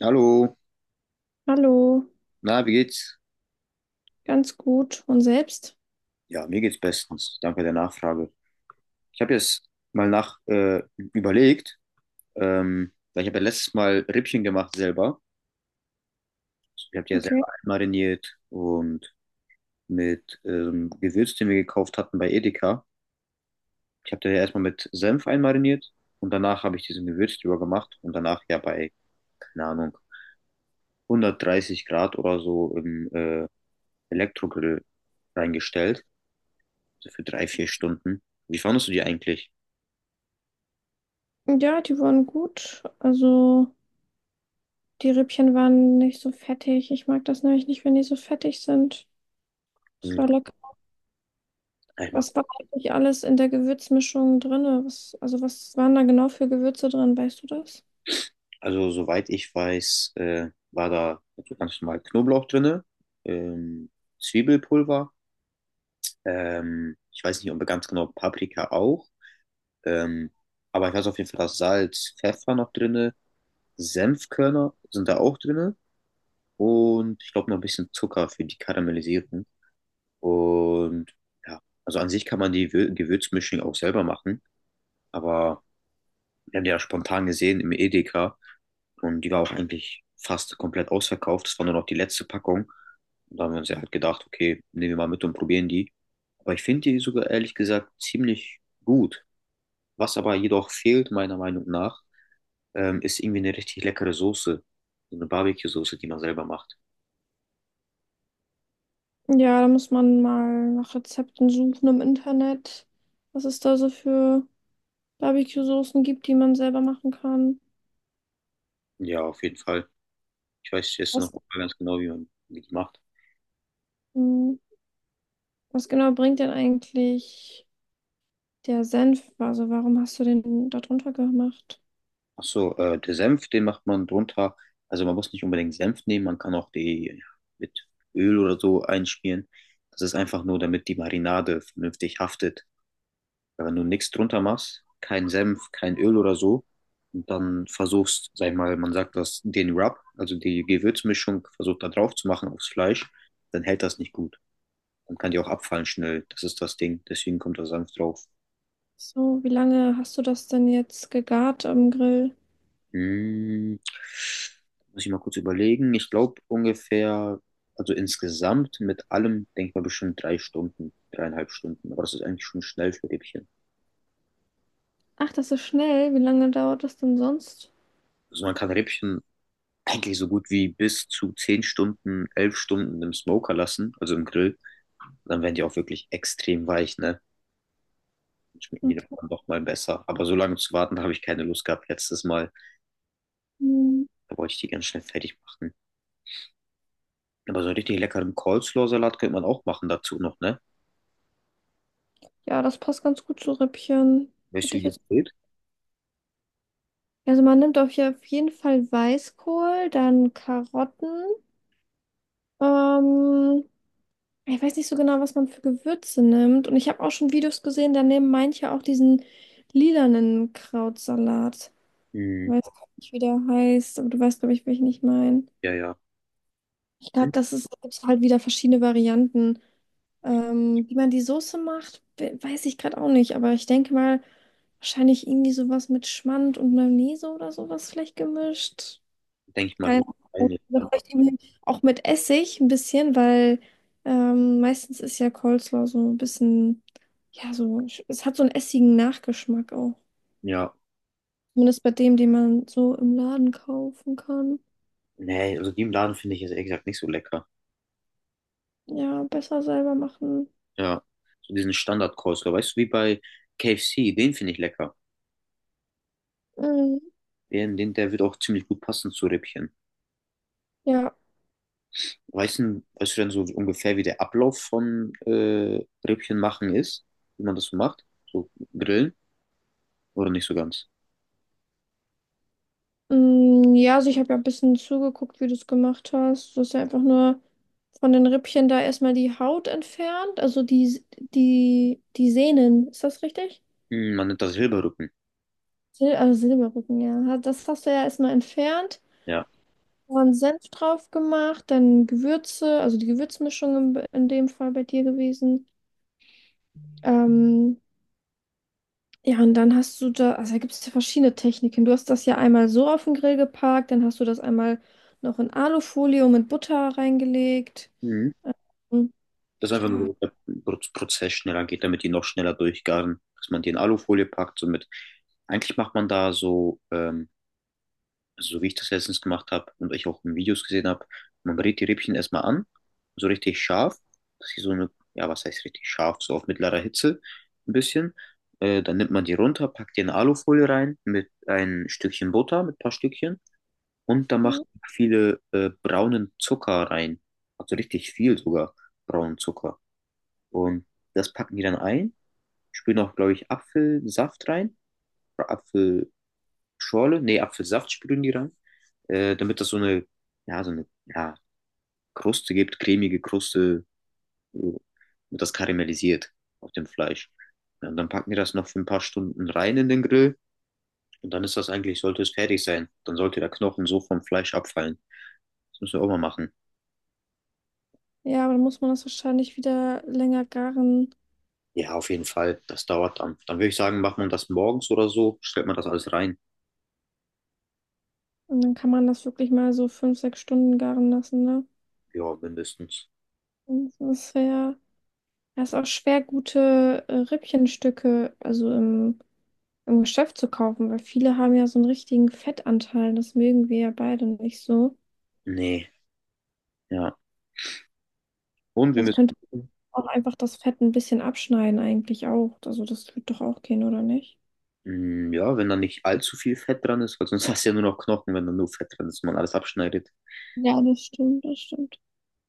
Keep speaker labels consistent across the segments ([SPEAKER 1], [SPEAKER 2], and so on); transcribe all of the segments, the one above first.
[SPEAKER 1] Hallo,
[SPEAKER 2] Hallo,
[SPEAKER 1] na, wie geht's?
[SPEAKER 2] ganz gut. Und selbst?
[SPEAKER 1] Ja, mir geht's bestens. Danke der Nachfrage. Ich habe jetzt mal nach überlegt, weil ich habe ja letztes Mal Rippchen gemacht selber. Ich habe die ja
[SPEAKER 2] Okay.
[SPEAKER 1] selber einmariniert und mit Gewürz, den wir gekauft hatten bei Edeka. Ich habe die ja erstmal mit Senf einmariniert und danach habe ich diesen Gewürz drüber gemacht und danach ja bei, keine Ahnung, 130 Grad oder so im Elektrogrill reingestellt. So für drei, vier Stunden. Wie fandest du die eigentlich?
[SPEAKER 2] Ja, die waren gut. Also die Rippchen waren nicht so fettig. Ich mag das nämlich nicht, wenn die so fettig sind. Es war lecker.
[SPEAKER 1] Ja, ich mag,
[SPEAKER 2] Was war eigentlich alles in der Gewürzmischung drin? Also was waren da genau für Gewürze drin? Weißt du das?
[SPEAKER 1] also soweit ich weiß, war da so ganz normal Knoblauch drinne, ähm, Zwiebelpulver, ich weiß nicht, ob ganz genau Paprika auch, ähm, aber ich weiß auf jeden Fall, dass Salz, Pfeffer noch drinne, Senfkörner sind da auch drinne und ich glaube noch ein bisschen Zucker für die Karamellisierung. Und ja, also an sich kann man die Gewürzmischung auch selber machen, aber wir haben die ja spontan gesehen im Edeka. Und die war auch eigentlich fast komplett ausverkauft. Das war nur noch die letzte Packung. Und da haben wir uns ja halt gedacht, okay, nehmen wir mal mit und probieren die. Aber ich finde die sogar ehrlich gesagt ziemlich gut. Was aber jedoch fehlt, meiner Meinung nach, ist irgendwie eine richtig leckere Soße. So eine Barbecue-Soße, die man selber macht.
[SPEAKER 2] Ja, da muss man mal nach Rezepten suchen im Internet, was es da so für Barbecue-Soßen gibt, die man selber machen kann.
[SPEAKER 1] Ja, auf jeden Fall. Ich weiß jetzt noch
[SPEAKER 2] Was,
[SPEAKER 1] nicht ganz genau, wie die macht.
[SPEAKER 2] hm, was genau bringt denn eigentlich der Senf, also warum hast du den da drunter gemacht?
[SPEAKER 1] Ach so, der Senf, den macht man drunter. Also man muss nicht unbedingt Senf nehmen, man kann auch die ja, mit Öl oder so einschmieren. Das ist einfach nur, damit die Marinade vernünftig haftet. Weil wenn du nichts drunter machst, kein Senf, kein Öl oder so, und dann versuchst, sag ich mal, man sagt das, den Rub, also die Gewürzmischung, versucht da drauf zu machen aufs Fleisch, dann hält das nicht gut. Dann kann die auch abfallen schnell. Das ist das Ding. Deswegen kommt da Senf drauf.
[SPEAKER 2] So, wie lange hast du das denn jetzt gegart am Grill?
[SPEAKER 1] Hm, muss ich mal kurz überlegen. Ich glaube ungefähr, also insgesamt mit allem, denke ich mal, bestimmt drei Stunden, dreieinhalb Stunden. Aber das ist eigentlich schon schnell für Rippchen.
[SPEAKER 2] Ach, das ist schnell. Wie lange dauert das denn sonst?
[SPEAKER 1] Also man kann Rippchen eigentlich so gut wie bis zu 10 Stunden, 11 Stunden im Smoker lassen, also im Grill. Dann werden die auch wirklich extrem weich, ne? Dann schmecken die
[SPEAKER 2] Okay.
[SPEAKER 1] dann doch mal besser. Aber so lange zu warten, da habe ich keine Lust gehabt letztes Mal.
[SPEAKER 2] Hm,
[SPEAKER 1] Da wollte ich die ganz schnell fertig machen. Aber so einen richtig leckeren Coleslaw-Salat könnte man auch machen dazu noch, ne?
[SPEAKER 2] Ja, das passt ganz gut zu Rippchen.
[SPEAKER 1] Weißt
[SPEAKER 2] Hätte
[SPEAKER 1] du,
[SPEAKER 2] ich
[SPEAKER 1] wie das
[SPEAKER 2] jetzt.
[SPEAKER 1] geht?
[SPEAKER 2] Also man nimmt auf jeden Fall Weißkohl, dann Karotten. Ähm, ich weiß nicht so genau, was man für Gewürze nimmt. Und ich habe auch schon Videos gesehen, da nehmen manche auch diesen lilanen Krautsalat. Ich weiß gar nicht, wie der heißt, aber du weißt, glaube ich, welchen ich meine.
[SPEAKER 1] Ja, ja.
[SPEAKER 2] Ich
[SPEAKER 1] Hm?
[SPEAKER 2] glaube, das ist, gibt's halt wieder verschiedene Varianten. Wie man die Soße macht, weiß ich gerade auch nicht, aber ich denke mal, wahrscheinlich irgendwie sowas mit Schmand und Mayonnaise oder sowas vielleicht gemischt.
[SPEAKER 1] Denke ich mal,
[SPEAKER 2] Keine Ahnung.
[SPEAKER 1] höchstwahrscheinlich, ja.
[SPEAKER 2] Oder vielleicht irgendwie auch mit Essig ein bisschen, weil meistens ist ja Coleslaw so ein bisschen, ja, so, es hat so einen essigen Nachgeschmack auch.
[SPEAKER 1] Ja,
[SPEAKER 2] Zumindest bei dem, den man so im Laden kaufen kann.
[SPEAKER 1] nee, also die im Laden finde ich jetzt ehrlich gesagt nicht so lecker.
[SPEAKER 2] Ja, besser selber machen.
[SPEAKER 1] Ja, so diesen Standard-Coleslaw, weißt du, wie bei KFC, den finde ich lecker.
[SPEAKER 2] Mhm.
[SPEAKER 1] Der wird auch ziemlich gut passen zu Rippchen.
[SPEAKER 2] Ja,
[SPEAKER 1] Weißt du denn so ungefähr, wie der Ablauf von Rippchen machen ist? Wie man das so macht? So grillen? Oder nicht so ganz?
[SPEAKER 2] ja, also ich habe ja ein bisschen zugeguckt, wie du es gemacht hast. Du hast ja einfach nur von den Rippchen da erstmal die Haut entfernt, also die Sehnen. Ist das richtig?
[SPEAKER 1] Hm, man nennt das Silberrücken.
[SPEAKER 2] Sil also Silberrücken, ja. Das hast du ja erstmal entfernt,
[SPEAKER 1] Ja.
[SPEAKER 2] dann Senf drauf gemacht, dann Gewürze, also die Gewürzmischung in dem Fall bei dir gewesen. Ähm, Ja, und dann hast du da, also da gibt es ja verschiedene Techniken. Du hast das ja einmal so auf den Grill geparkt, dann hast du das einmal noch in Alufolie und mit Butter reingelegt.
[SPEAKER 1] Mhm.
[SPEAKER 2] Und
[SPEAKER 1] Dass einfach
[SPEAKER 2] ja,
[SPEAKER 1] nur damit der Prozess schneller geht, damit die noch schneller durchgaren, dass man die in Alufolie packt. So mit, eigentlich macht man da so, so wie ich das letztens gemacht habe und ich auch in Videos gesehen habe, man brät die Rippchen erstmal an, so richtig scharf, dass sie so eine, ja, was heißt richtig scharf, so auf mittlerer Hitze ein bisschen. Dann nimmt man die runter, packt die in Alufolie rein mit ein Stückchen Butter, mit ein paar Stückchen und da macht
[SPEAKER 2] mhm.
[SPEAKER 1] man viele braunen Zucker rein. Also richtig viel sogar braunen Zucker. Und das packen die dann ein, spülen auch, glaube ich, Apfelsaft rein, oder Apfelschorle, nee, Apfelsaft spülen die rein, damit das so eine, ja, Kruste gibt, cremige Kruste, so, und das karamellisiert auf dem Fleisch. Ja, und dann packen die das noch für ein paar Stunden rein in den Grill und dann ist das eigentlich, sollte es fertig sein. Dann sollte der Knochen so vom Fleisch abfallen. Das müssen wir auch mal machen.
[SPEAKER 2] Ja, aber dann muss man das wahrscheinlich wieder länger garen.
[SPEAKER 1] Ja, auf jeden Fall, das dauert dann. Dann würde ich sagen, macht man das morgens oder so, stellt man das alles rein.
[SPEAKER 2] Und dann kann man das wirklich mal so 5, 6 Stunden garen lassen, ne?
[SPEAKER 1] Ja, mindestens.
[SPEAKER 2] Und das ist ja, das ist auch schwer, gute Rippchenstücke, also im Geschäft zu kaufen, weil viele haben ja so einen richtigen Fettanteil. Das mögen wir ja beide nicht so.
[SPEAKER 1] Nee, ja. Und wir
[SPEAKER 2] Sonst
[SPEAKER 1] müssen,
[SPEAKER 2] könnte
[SPEAKER 1] gucken,
[SPEAKER 2] auch einfach das Fett ein bisschen abschneiden eigentlich auch. Also das wird doch auch gehen, oder nicht?
[SPEAKER 1] mm, ja, wenn da nicht allzu viel Fett dran ist, weil sonst hast du ja nur noch Knochen, wenn da nur Fett dran ist und man alles abschneidet.
[SPEAKER 2] Ja, das stimmt, das stimmt.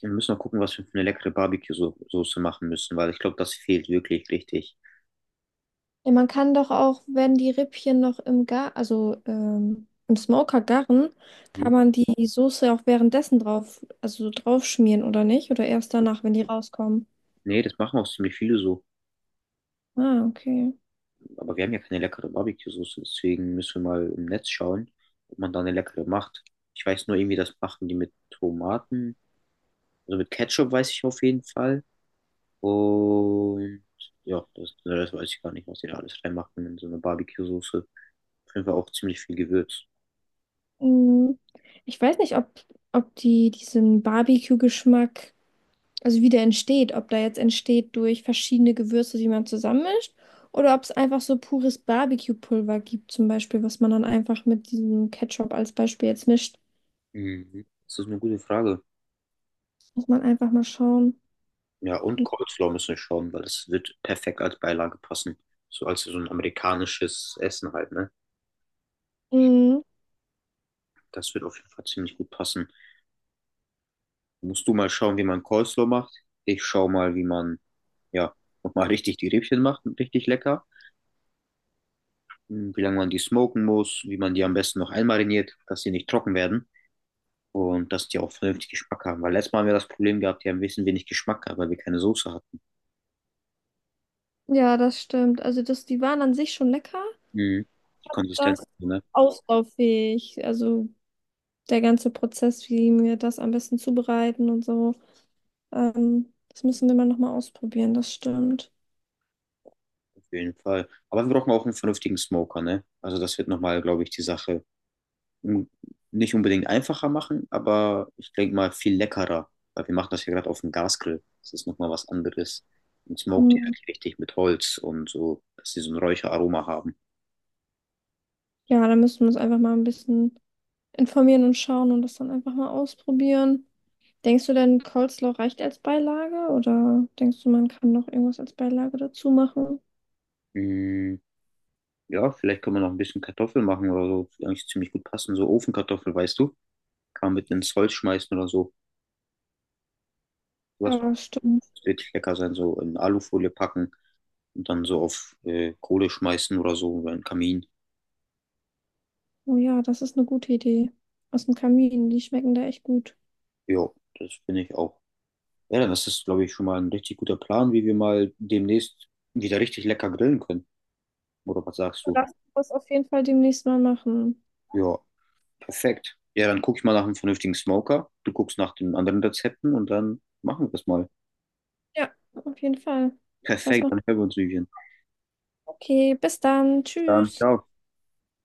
[SPEAKER 1] Wir müssen noch gucken, was wir für eine leckere Barbecue-Soße machen müssen, weil ich glaube, das fehlt wirklich richtig.
[SPEAKER 2] Ja, man kann doch auch, wenn die Rippchen noch im Gar, also im Smoker garen,
[SPEAKER 1] Mhm.
[SPEAKER 2] kann man die Soße auch währenddessen drauf, also so drauf schmieren, oder nicht? Oder erst danach, wenn die rauskommen.
[SPEAKER 1] Nee, das machen auch ziemlich viele so.
[SPEAKER 2] Ah, okay.
[SPEAKER 1] Aber wir haben ja keine leckere Barbecue-Soße, deswegen müssen wir mal im Netz schauen, ob man da eine leckere macht. Ich weiß nur irgendwie, das machen die mit Tomaten. Also mit Ketchup weiß ich auf jeden Fall. Und ja, das weiß ich gar nicht, was die da alles reinmachen in so eine Barbecue-Soße. Auf jeden Fall auch ziemlich viel Gewürz.
[SPEAKER 2] Mm. Ich weiß nicht, ob die diesen Barbecue-Geschmack, also wie der entsteht, ob der jetzt entsteht durch verschiedene Gewürze, die man zusammenmischt, oder ob es einfach so pures Barbecue-Pulver gibt, zum Beispiel, was man dann einfach mit diesem Ketchup als Beispiel jetzt mischt.
[SPEAKER 1] Mhm. Das ist eine gute Frage.
[SPEAKER 2] Muss man einfach mal schauen.
[SPEAKER 1] Ja, und Coleslaw müssen wir schauen, weil das wird perfekt als Beilage passen. So als so ein amerikanisches Essen halt, ne?
[SPEAKER 2] Mhm.
[SPEAKER 1] Das wird auf jeden Fall ziemlich gut passen. Musst du mal schauen, wie man Coleslaw macht. Ich schau mal, wie man, ja, nochmal richtig die Rippchen macht, richtig lecker. Hm, wie lange man die smoken muss, wie man die am besten noch einmariniert, dass die nicht trocken werden und dass die auch vernünftig Geschmack haben. Weil letztes Mal haben wir das Problem gehabt, die haben ein bisschen wenig Geschmack gehabt, weil wir keine Soße hatten.
[SPEAKER 2] Ja, das stimmt. Also das, die waren an sich schon lecker.
[SPEAKER 1] Mhm. Die Konsistenz,
[SPEAKER 2] Das
[SPEAKER 1] ne?
[SPEAKER 2] auslauffähig. Also der ganze Prozess, wie wir das am besten zubereiten und so. Das müssen wir mal nochmal ausprobieren, das stimmt.
[SPEAKER 1] Auf jeden Fall. Aber wir brauchen auch einen vernünftigen Smoker, ne? Also das wird nochmal, glaube ich, die Sache un- nicht unbedingt einfacher machen, aber ich denke mal viel leckerer, weil wir machen das ja gerade auf dem Gasgrill. Das ist nochmal was anderes. Und smoked die halt
[SPEAKER 2] Mhm.
[SPEAKER 1] richtig mit Holz und so, dass sie so ein Räucheraroma haben.
[SPEAKER 2] Ja, da müssen wir uns einfach mal ein bisschen informieren und schauen und das dann einfach mal ausprobieren. Denkst du denn, Coleslaw reicht als Beilage oder denkst du, man kann noch irgendwas als Beilage dazu machen?
[SPEAKER 1] Mm, ja, vielleicht können wir noch ein bisschen Kartoffeln machen oder so. Die eigentlich ziemlich gut passen. So Ofenkartoffel, weißt du? Kann man mit ins Holz schmeißen oder so. Was
[SPEAKER 2] Ja, stimmt.
[SPEAKER 1] wird richtig lecker sein, so in Alufolie packen und dann so auf Kohle schmeißen oder so oder einen Kamin.
[SPEAKER 2] Oh ja, das ist eine gute Idee. Aus dem Kamin, die schmecken da echt gut.
[SPEAKER 1] Ja, das finde ich auch. Ja, das ist, glaube ich, schon mal ein richtig guter Plan, wie wir mal demnächst wieder richtig lecker grillen können. Oder was sagst du?
[SPEAKER 2] Lass uns das auf jeden Fall demnächst mal machen.
[SPEAKER 1] Ja, perfekt. Ja, dann gucke ich mal nach einem vernünftigen Smoker. Du guckst nach den anderen Rezepten und dann machen wir das mal.
[SPEAKER 2] Ja, auf jeden Fall. Was
[SPEAKER 1] Perfekt,
[SPEAKER 2] noch?
[SPEAKER 1] dann hören wir uns, Vivian.
[SPEAKER 2] Okay, bis dann.
[SPEAKER 1] Bis dann,
[SPEAKER 2] Tschüss.
[SPEAKER 1] ciao.